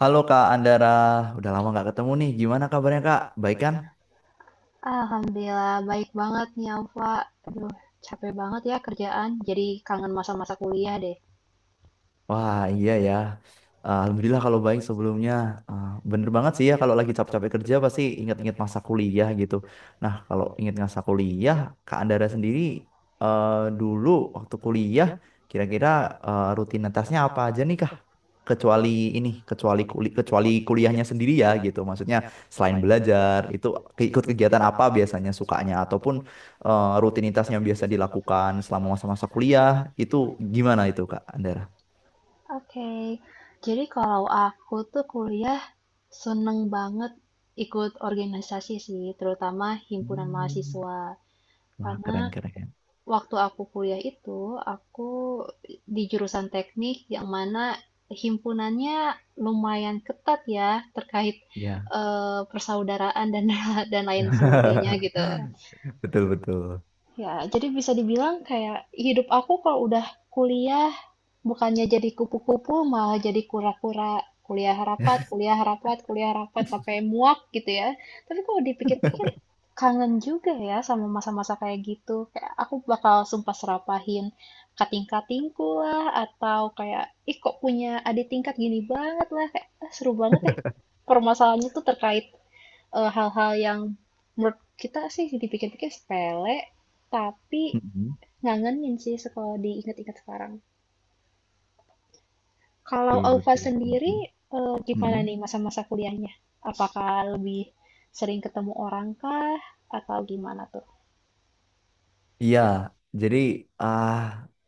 Halo Kak Andara, udah lama nggak ketemu nih. Gimana kabarnya Kak? Baik kan? Alhamdulillah baik banget nih Alfa. Aduh, capek banget ya kerjaan. Jadi kangen masa-masa kuliah deh. Wah iya ya. Alhamdulillah kalau baik sebelumnya. Ah, bener banget sih ya kalau lagi capek-capek kerja pasti ingat-ingat masa kuliah gitu. Nah kalau ingat masa kuliah, Kak Andara sendiri eh, dulu waktu kuliah kira-kira rutinitasnya apa aja nih Kak? kecuali kecuali kuliahnya sendiri ya gitu maksudnya selain belajar itu ikut kegiatan apa biasanya sukanya ataupun rutinitas yang biasa dilakukan selama masa-masa kuliah itu gimana itu Kak Andara? Oke. Jadi kalau aku tuh kuliah seneng banget ikut organisasi sih, terutama himpunan Hmm. mahasiswa. Wah Karena keren keren waktu aku kuliah itu, aku di jurusan teknik yang mana himpunannya lumayan ketat ya terkait ya. Persaudaraan dan dan lain sebagainya gitu. Betul betul. Ya, jadi bisa dibilang kayak hidup aku kalau udah kuliah bukannya jadi kupu-kupu malah jadi kura-kura. Kuliah rapat, kuliah rapat, kuliah rapat sampai muak gitu ya. Tapi kalau dipikir-pikir kangen juga ya sama masa-masa kayak gitu. Kayak aku bakal sumpah serapahin kating-katingku lah, atau kayak ih kok punya adik tingkat gini banget lah, kayak "Ah, seru banget ya." Permasalahannya tuh terkait hal-hal yang menurut kita sih dipikir-pikir sepele, tapi Mm-mm. ngangenin sih kalau diingat-ingat sekarang. Kalau Betul Alfa betul. sendiri, Mm-mm. Gimana Mm-mm. nih masa-masa kuliahnya? Apakah lebih sering ketemu orang kah atau gimana tuh? Iya, jadi ah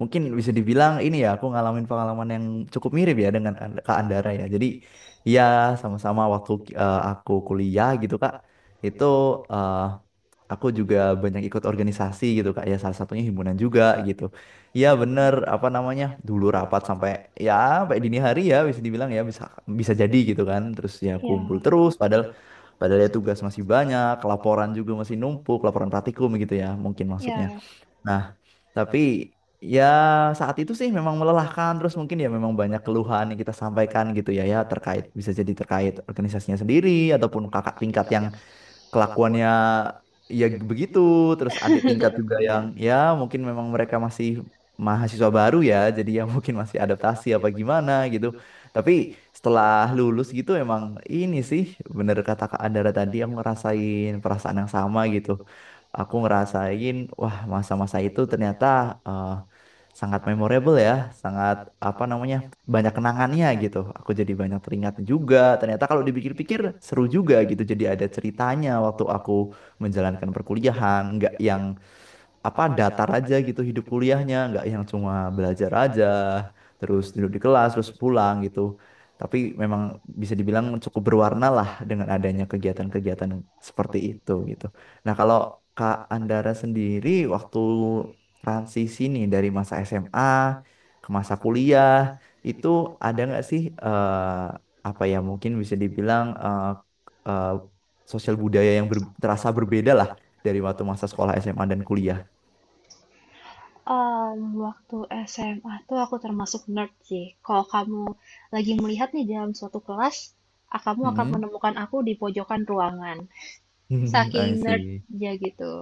mungkin bisa dibilang ini ya aku ngalamin pengalaman yang cukup mirip ya dengan Kak Andara ya. Jadi iya sama-sama waktu aku kuliah gitu Kak, itu eh, aku juga banyak ikut organisasi gitu Kak. Ya salah satunya himpunan juga gitu. Iya bener apa namanya dulu rapat sampai ya sampai dini hari ya bisa dibilang ya bisa bisa jadi gitu kan. Terus ya Ya, kumpul terus padahal Padahal ya tugas masih banyak, laporan juga masih numpuk, laporan praktikum gitu ya, mungkin ya, maksudnya. Nah, tapi ya saat itu sih memang melelahkan terus mungkin ya memang banyak keluhan yang kita sampaikan gitu ya terkait bisa jadi terkait organisasinya sendiri ataupun kakak tingkat yang kelakuannya ya begitu terus adik tingkat juga yang ya. ya mungkin memang mereka masih mahasiswa baru ya jadi ya mungkin masih adaptasi apa gimana gitu tapi setelah lulus gitu emang ini sih bener kata Kak Andara tadi yang ngerasain perasaan yang sama gitu aku ngerasain wah masa-masa itu ternyata eh, sangat memorable ya sangat apa namanya banyak kenangannya gitu. Aku jadi banyak teringat juga. Ternyata kalau dipikir-pikir seru juga gitu. Jadi ada ceritanya waktu aku menjalankan perkuliahan, nggak yang apa datar aja gitu hidup kuliahnya nggak yang cuma belajar aja terus duduk di kelas terus pulang gitu tapi memang bisa dibilang cukup berwarna lah dengan adanya kegiatan-kegiatan seperti itu gitu. Nah kalau Kak Andara sendiri waktu transisi nih dari masa SMA ke masa kuliah itu ada nggak sih apa ya mungkin bisa dibilang eh, sosial budaya yang terasa berbeda lah dari waktu masa sekolah SMA dan kuliah. Waktu SMA tuh aku termasuk nerd sih. Kalau kamu lagi melihat nih dalam suatu kelas, ah, kamu akan Mm-mm. menemukan aku di pojokan ruangan. Saking I see. nerd-nya gitu.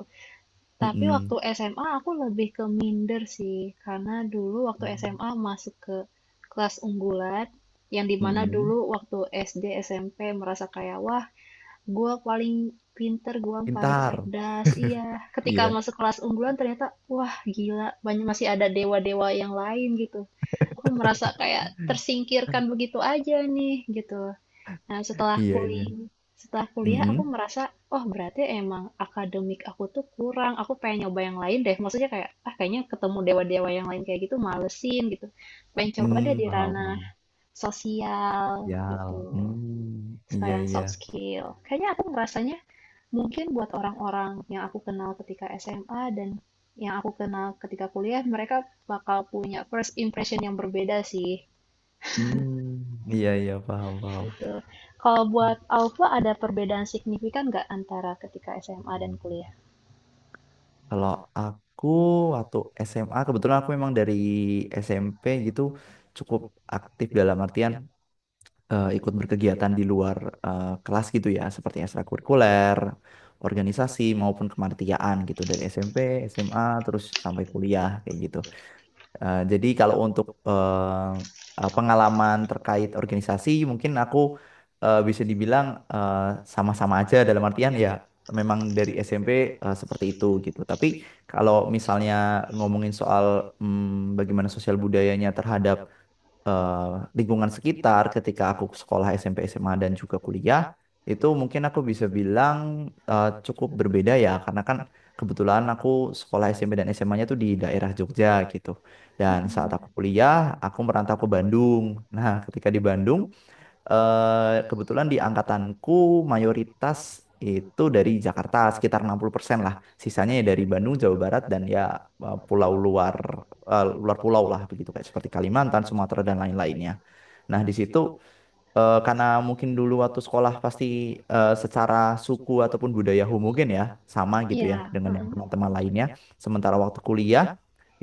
Tapi Mm-mm. waktu SMA aku lebih ke minder sih, karena dulu waktu SMA masuk ke kelas unggulan, yang dimana Mm-mm. dulu waktu SD, SMP merasa kayak, wah, gue paling pinter, gue paling Pintar. cerdas, iya. Ketika Iya. masuk kelas unggulan ternyata, wah, gila, banyak masih ada dewa-dewa yang lain gitu. Aku merasa kayak tersingkirkan begitu aja nih, gitu. Nah, Iya, iya. Setelah kuliah aku Mm-mm. merasa, oh berarti emang akademik aku tuh kurang. Aku pengen nyoba yang lain deh. Maksudnya kayak, ah kayaknya ketemu dewa-dewa yang lain kayak gitu malesin gitu. Pengen coba deh Mm, di paham, ranah paham. sosial Ya. gitu. Mm, iya, Sekalian iya. soft skill. Kayaknya aku ngerasanya mungkin buat orang-orang yang aku kenal ketika SMA dan yang aku kenal ketika kuliah, mereka bakal punya first impression yang berbeda sih. Hmm, iya, iya, paham, paham. Betul. Kalau buat Alfa ada perbedaan signifikan nggak antara ketika SMA dan kuliah? Kalau aku waktu SMA, kebetulan aku memang dari SMP gitu cukup aktif dalam artian ikut berkegiatan di luar kelas gitu ya, seperti ekstrakurikuler, organisasi maupun kemanitiaan gitu dari SMP, SMA terus sampai kuliah kayak gitu. Jadi kalau untuk pengalaman terkait organisasi mungkin aku bisa dibilang eh, sama-sama aja dalam artian ya memang dari SMP seperti itu gitu. Tapi kalau misalnya ngomongin soal bagaimana sosial budayanya terhadap eh, lingkungan sekitar ketika aku sekolah SMP SMA dan juga kuliah itu mungkin aku bisa bilang cukup berbeda ya karena kan kebetulan aku sekolah SMP dan SMA-nya tuh di daerah Jogja gitu dan saat aku kuliah aku merantau ke Bandung. Nah ketika di Bandung kebetulan di angkatanku mayoritas itu dari Jakarta sekitar 60% lah. Sisanya ya dari Bandung, Jawa Barat dan ya eh, pulau luar luar pulau lah begitu kayak seperti Kalimantan, Sumatera dan lain-lainnya. Nah, di situ karena mungkin dulu waktu sekolah pasti secara suku ataupun budaya mungkin ya sama gitu ya Iya, dengan yang heeh. teman-teman lainnya. Sementara waktu kuliah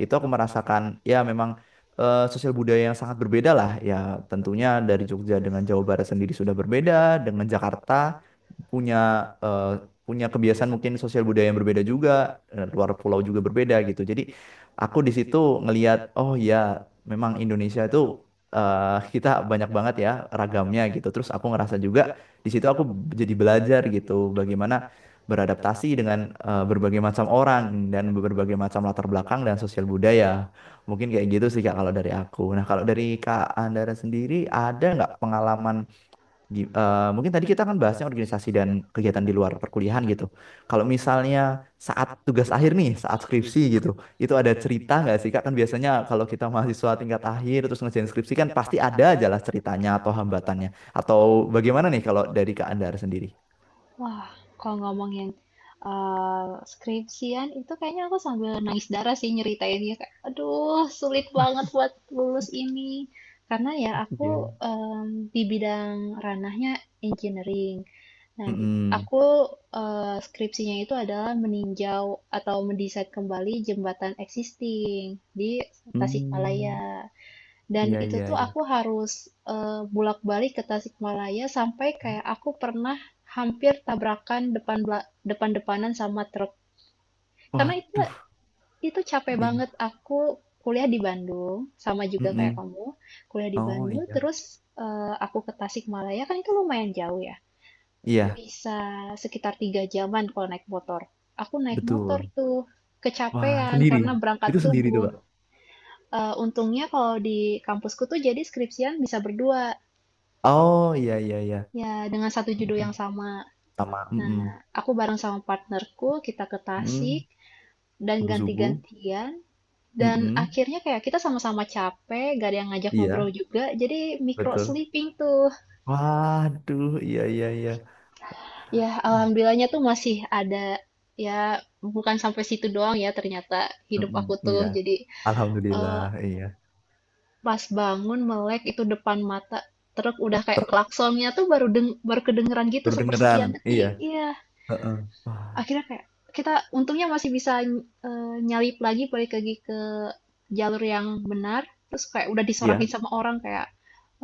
itu aku merasakan ya memang sosial budaya yang sangat berbeda lah ya tentunya dari Jogja dengan Jawa Barat sendiri sudah berbeda dengan Jakarta punya eh, punya kebiasaan mungkin sosial budaya yang berbeda juga, luar pulau juga berbeda gitu. Jadi aku di situ ngelihat oh ya memang Indonesia itu kita banyak banget ya ragamnya gitu. Terus aku ngerasa juga di situ aku jadi belajar gitu bagaimana beradaptasi dengan berbagai macam orang dan berbagai macam latar belakang dan sosial budaya. Mungkin kayak gitu sih Kak kalau dari aku. Nah, kalau dari Kak Andara sendiri ada nggak pengalaman mungkin tadi kita kan bahasnya organisasi dan kegiatan di luar perkuliahan gitu. Kalau misalnya saat tugas akhir nih, saat skripsi gitu, itu ada cerita nggak sih Kak? Kan biasanya kalau kita mahasiswa tingkat akhir terus ngerjain skripsi kan pasti ada aja lah ceritanya atau hambatannya. Atau bagaimana nih kalau dari Kak Andar sendiri? Wah, kalau ngomongin skripsian itu kayaknya aku sambil nangis darah sih nyeritainnya, kayak, aduh, sulit banget buat lulus ini. Karena ya Iya. aku Iya. Di bidang ranahnya engineering. Nah, Mm-mm. aku skripsinya itu adalah meninjau atau mendesain kembali jembatan existing di Hmm, Tasikmalaya. Dan iya, itu iya, tuh iya. aku harus, bolak-balik ke Tasikmalaya sampai kayak aku pernah hampir tabrakan depan-depanan sama truk. Karena Waduh. itu capek Iya. banget, aku kuliah di Bandung, sama juga kayak Mm-mm. kamu, kuliah di Oh Bandung iya. terus, aku ke Tasikmalaya, kan itu lumayan jauh ya, Iya, bisa sekitar 3 jaman kalau naik motor. Aku naik motor betul. tuh, Wah, kecapean sendiri. karena berangkat Itu sendiri tuh, subuh, Kak. Untungnya kalau di kampusku tuh jadi skripsian bisa berdua. Oh iya, iya, Ya, dengan satu judul iya. yang sama. Sama, Nah, mm-mm. aku bareng sama partnerku, kita ke Tasik Mm, dan subuh-subuh. ganti-gantian. Dan Mm-mm. akhirnya kayak kita sama-sama capek, gak ada yang ngajak ngobrol Iya, juga. Jadi micro betul. sleeping tuh. Waduh, iya, iya, iya. Ya, alhamdulillahnya tuh masih ada. Ya, bukan sampai situ doang ya ternyata hidup Mm-mm, aku iya, tuh. Jadi alhamdulillah, eh, iya. pas bangun melek itu depan mata. Truk udah kayak Ter klaksonnya tuh baru deng baru kedengeran gitu berdengeran, sepersekian detik. iya. Iya. Heeh. Wah, Akhirnya kayak kita untungnya masih bisa nyalip lagi balik lagi ke jalur yang benar. Terus kayak udah iya, disorakin sama orang kayak,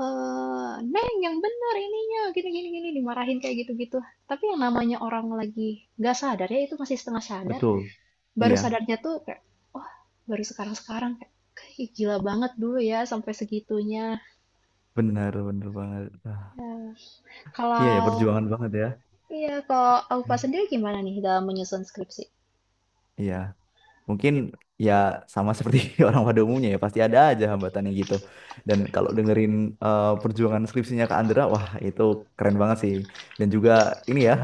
Neng yang benar ininya gini gini gini," dimarahin kayak gitu-gitu. Tapi yang namanya orang lagi nggak sadar ya itu masih setengah sadar. betul. Baru Iya, sadarnya tuh kayak, oh baru sekarang-sekarang kayak, "Ih, gila banget dulu ya sampai segitunya." benar, benar banget. Ah, iya ya, Kalau perjuangan banget ya. iya, kalau Aufa Nah, sendiri gimana nih dalam menyusun skripsi? iya, mungkin ya sama seperti orang pada umumnya ya, pasti ada aja hambatannya gitu. Dan kalau dengerin perjuangan skripsinya Kak Andra, wah itu keren banget sih. Dan juga ini ya,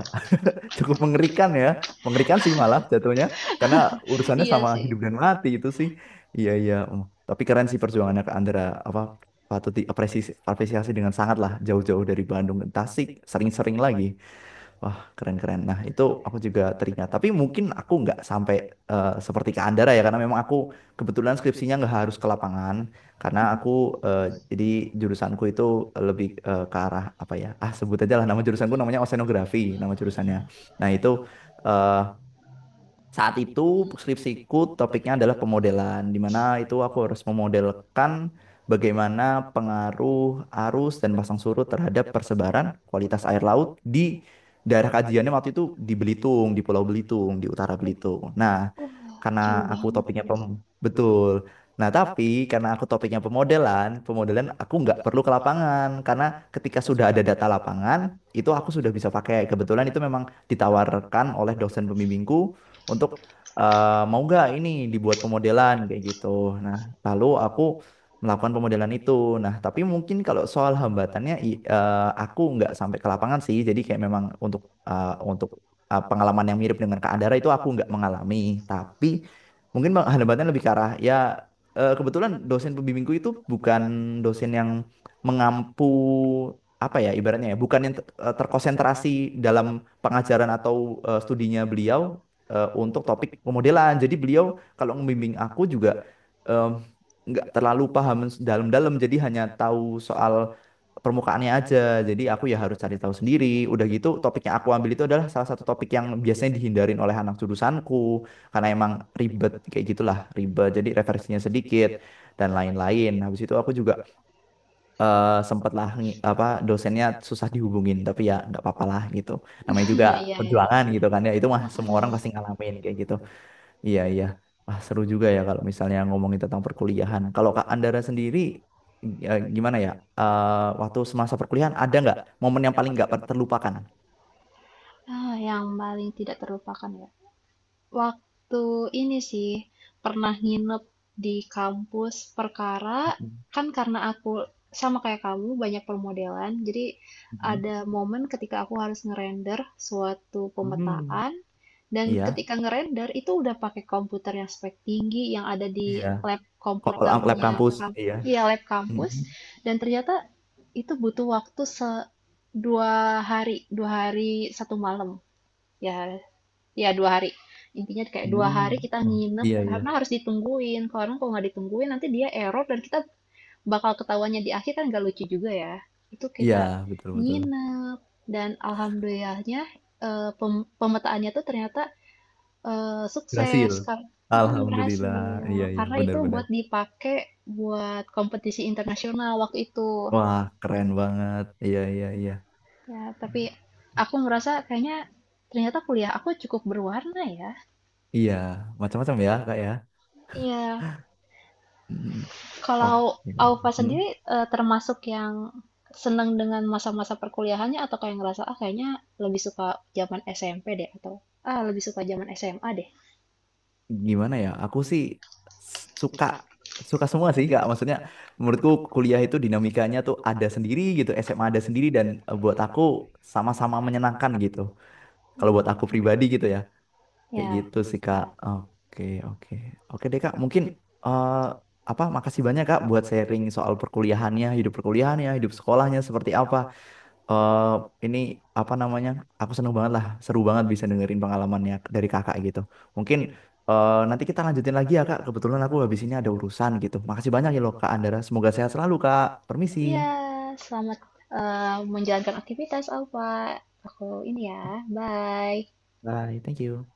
cukup mengerikan ya. Mengerikan sih malah jatuhnya karena urusannya Iya sama sih. hidup dan mati itu sih. Iya iya. Mm. Tapi keren sih perjuangannya ke Andra apa patut diapresiasi apresiasi dengan sangat lah jauh-jauh dari Bandung ke Tasik sering-sering lagi. Wah, keren-keren. Nah, itu aku juga teringat. Tapi mungkin aku nggak sampai seperti ke Andara ya, karena memang aku kebetulan skripsinya nggak harus ke lapangan. Karena aku, eh, jadi jurusanku itu lebih ke arah, apa ya, sebut aja lah nama jurusanku namanya oseanografi, nama jurusannya. Nah, itu eh, saat itu skripsiku topiknya adalah pemodelan, di mana itu aku harus memodelkan bagaimana pengaruh arus dan pasang surut terhadap persebaran kualitas air laut di daerah kajiannya waktu itu di Belitung, di Pulau Belitung, di utara Belitung. Nah, Wah, karena jauh aku banget. topiknya betul. Nah, tapi karena aku topiknya pemodelan, pemodelan aku nggak perlu ke lapangan karena ketika sudah ada data lapangan, itu aku sudah bisa pakai. Kebetulan itu memang ditawarkan oleh dosen pembimbingku untuk mau nggak ini dibuat pemodelan kayak gitu. Nah, lalu aku melakukan pemodelan itu. Nah, tapi mungkin kalau soal hambatannya aku nggak sampai ke lapangan sih. Jadi kayak memang untuk eh, untuk pengalaman yang mirip dengan Kak Andara itu aku nggak mengalami. Tapi mungkin hambatannya lebih ke arah ya kebetulan dosen pembimbingku itu bukan dosen yang mengampu apa ya ibaratnya ya bukan yang terkonsentrasi dalam pengajaran atau studinya beliau untuk topik pemodelan. Jadi beliau kalau membimbing aku juga em, nggak terlalu paham dalam-dalam, jadi hanya tahu soal permukaannya aja. Jadi aku ya harus cari tahu sendiri. Udah gitu topik yang aku ambil itu adalah salah satu topik yang biasanya dihindarin oleh anak jurusanku karena emang ribet kayak gitulah, ribet. Jadi referensinya sedikit dan lain-lain. Habis itu aku juga sempatlah apa dosennya susah dihubungin tapi ya nggak apa-apa lah gitu namanya juga iya ya, perjuangan gitu kan ya itu mah semua orang mhm. pasti ngalamin kayak gitu. Iya iya wah seru juga ya kalau misalnya ngomongin tentang perkuliahan kalau Kak Andara sendiri gimana ya. Waktu semasa perkuliahan ada nggak momen yang paling nggak terlupakan. Ah, yang paling tidak terlupakan ya. Waktu ini sih, pernah nginep di kampus perkara, Mhm. kan karena aku sama kayak kamu banyak permodelan, jadi Mhm. ada momen ketika aku harus ngerender suatu Hmm. pemetaan, dan Iya ketika ngerender itu udah pakai komputer yang spek tinggi yang ada di iya lab kok lab komputernya, kampus iya. ya lab Mhm. kampus, dan ternyata itu butuh waktu 2 hari, 2 hari 1 malam, ya. Ya, 2 hari. Intinya kayak 2 hari Hmm. kita Oh, nginep iya, karena iya. harus ditungguin. Karena kalau nggak ditungguin nanti dia error dan kita bakal ketawanya di akhir kan nggak lucu juga ya. Itu Iya, kita betul, betul. nginep dan alhamdulillahnya pemetaannya tuh ternyata sukses Berhasil. karena Alhamdulillah. Iya, berhasil. iya, Karena itu benar-benar. buat dipakai buat kompetisi internasional waktu itu. Wah, keren banget. Iya, iya, iya. Ya, tapi aku ngerasa kayaknya ternyata kuliah aku cukup berwarna ya. Iya, macam-macam ya, Kak ya. Iya. Mm, Kalau oke. Aufa Mm, sendiri termasuk yang senang dengan masa-masa perkuliahannya atau kayak ngerasa ah kayaknya lebih suka zaman SMP deh atau ah lebih suka zaman SMA deh. gimana ya? Aku sih suka suka semua sih, Kak. Maksudnya menurutku kuliah itu dinamikanya tuh ada sendiri gitu, SMA ada sendiri dan buat aku sama-sama menyenangkan gitu. Kalau buat aku Hmm, pribadi gitu ya. Kayak Ya, gitu sih Kak. Oke, oke. Oke deh Kak, mungkin eh apa makasih banyak Kak buat sharing soal perkuliahannya, hidup sekolahnya seperti apa. Eh ini apa namanya? Aku seneng banget lah, seru banget bisa dengerin pengalamannya dari Kakak gitu. Mungkin nanti kita lanjutin lagi ya Kak. Kebetulan aku habis ini ada urusan gitu. Makasih banyak ya loh Kak Andara. Semoga sehat selalu Kak. Permisi. ya, selamat menjalankan aktivitas Aufa. Aku ini ya, bye. Bye, thank you.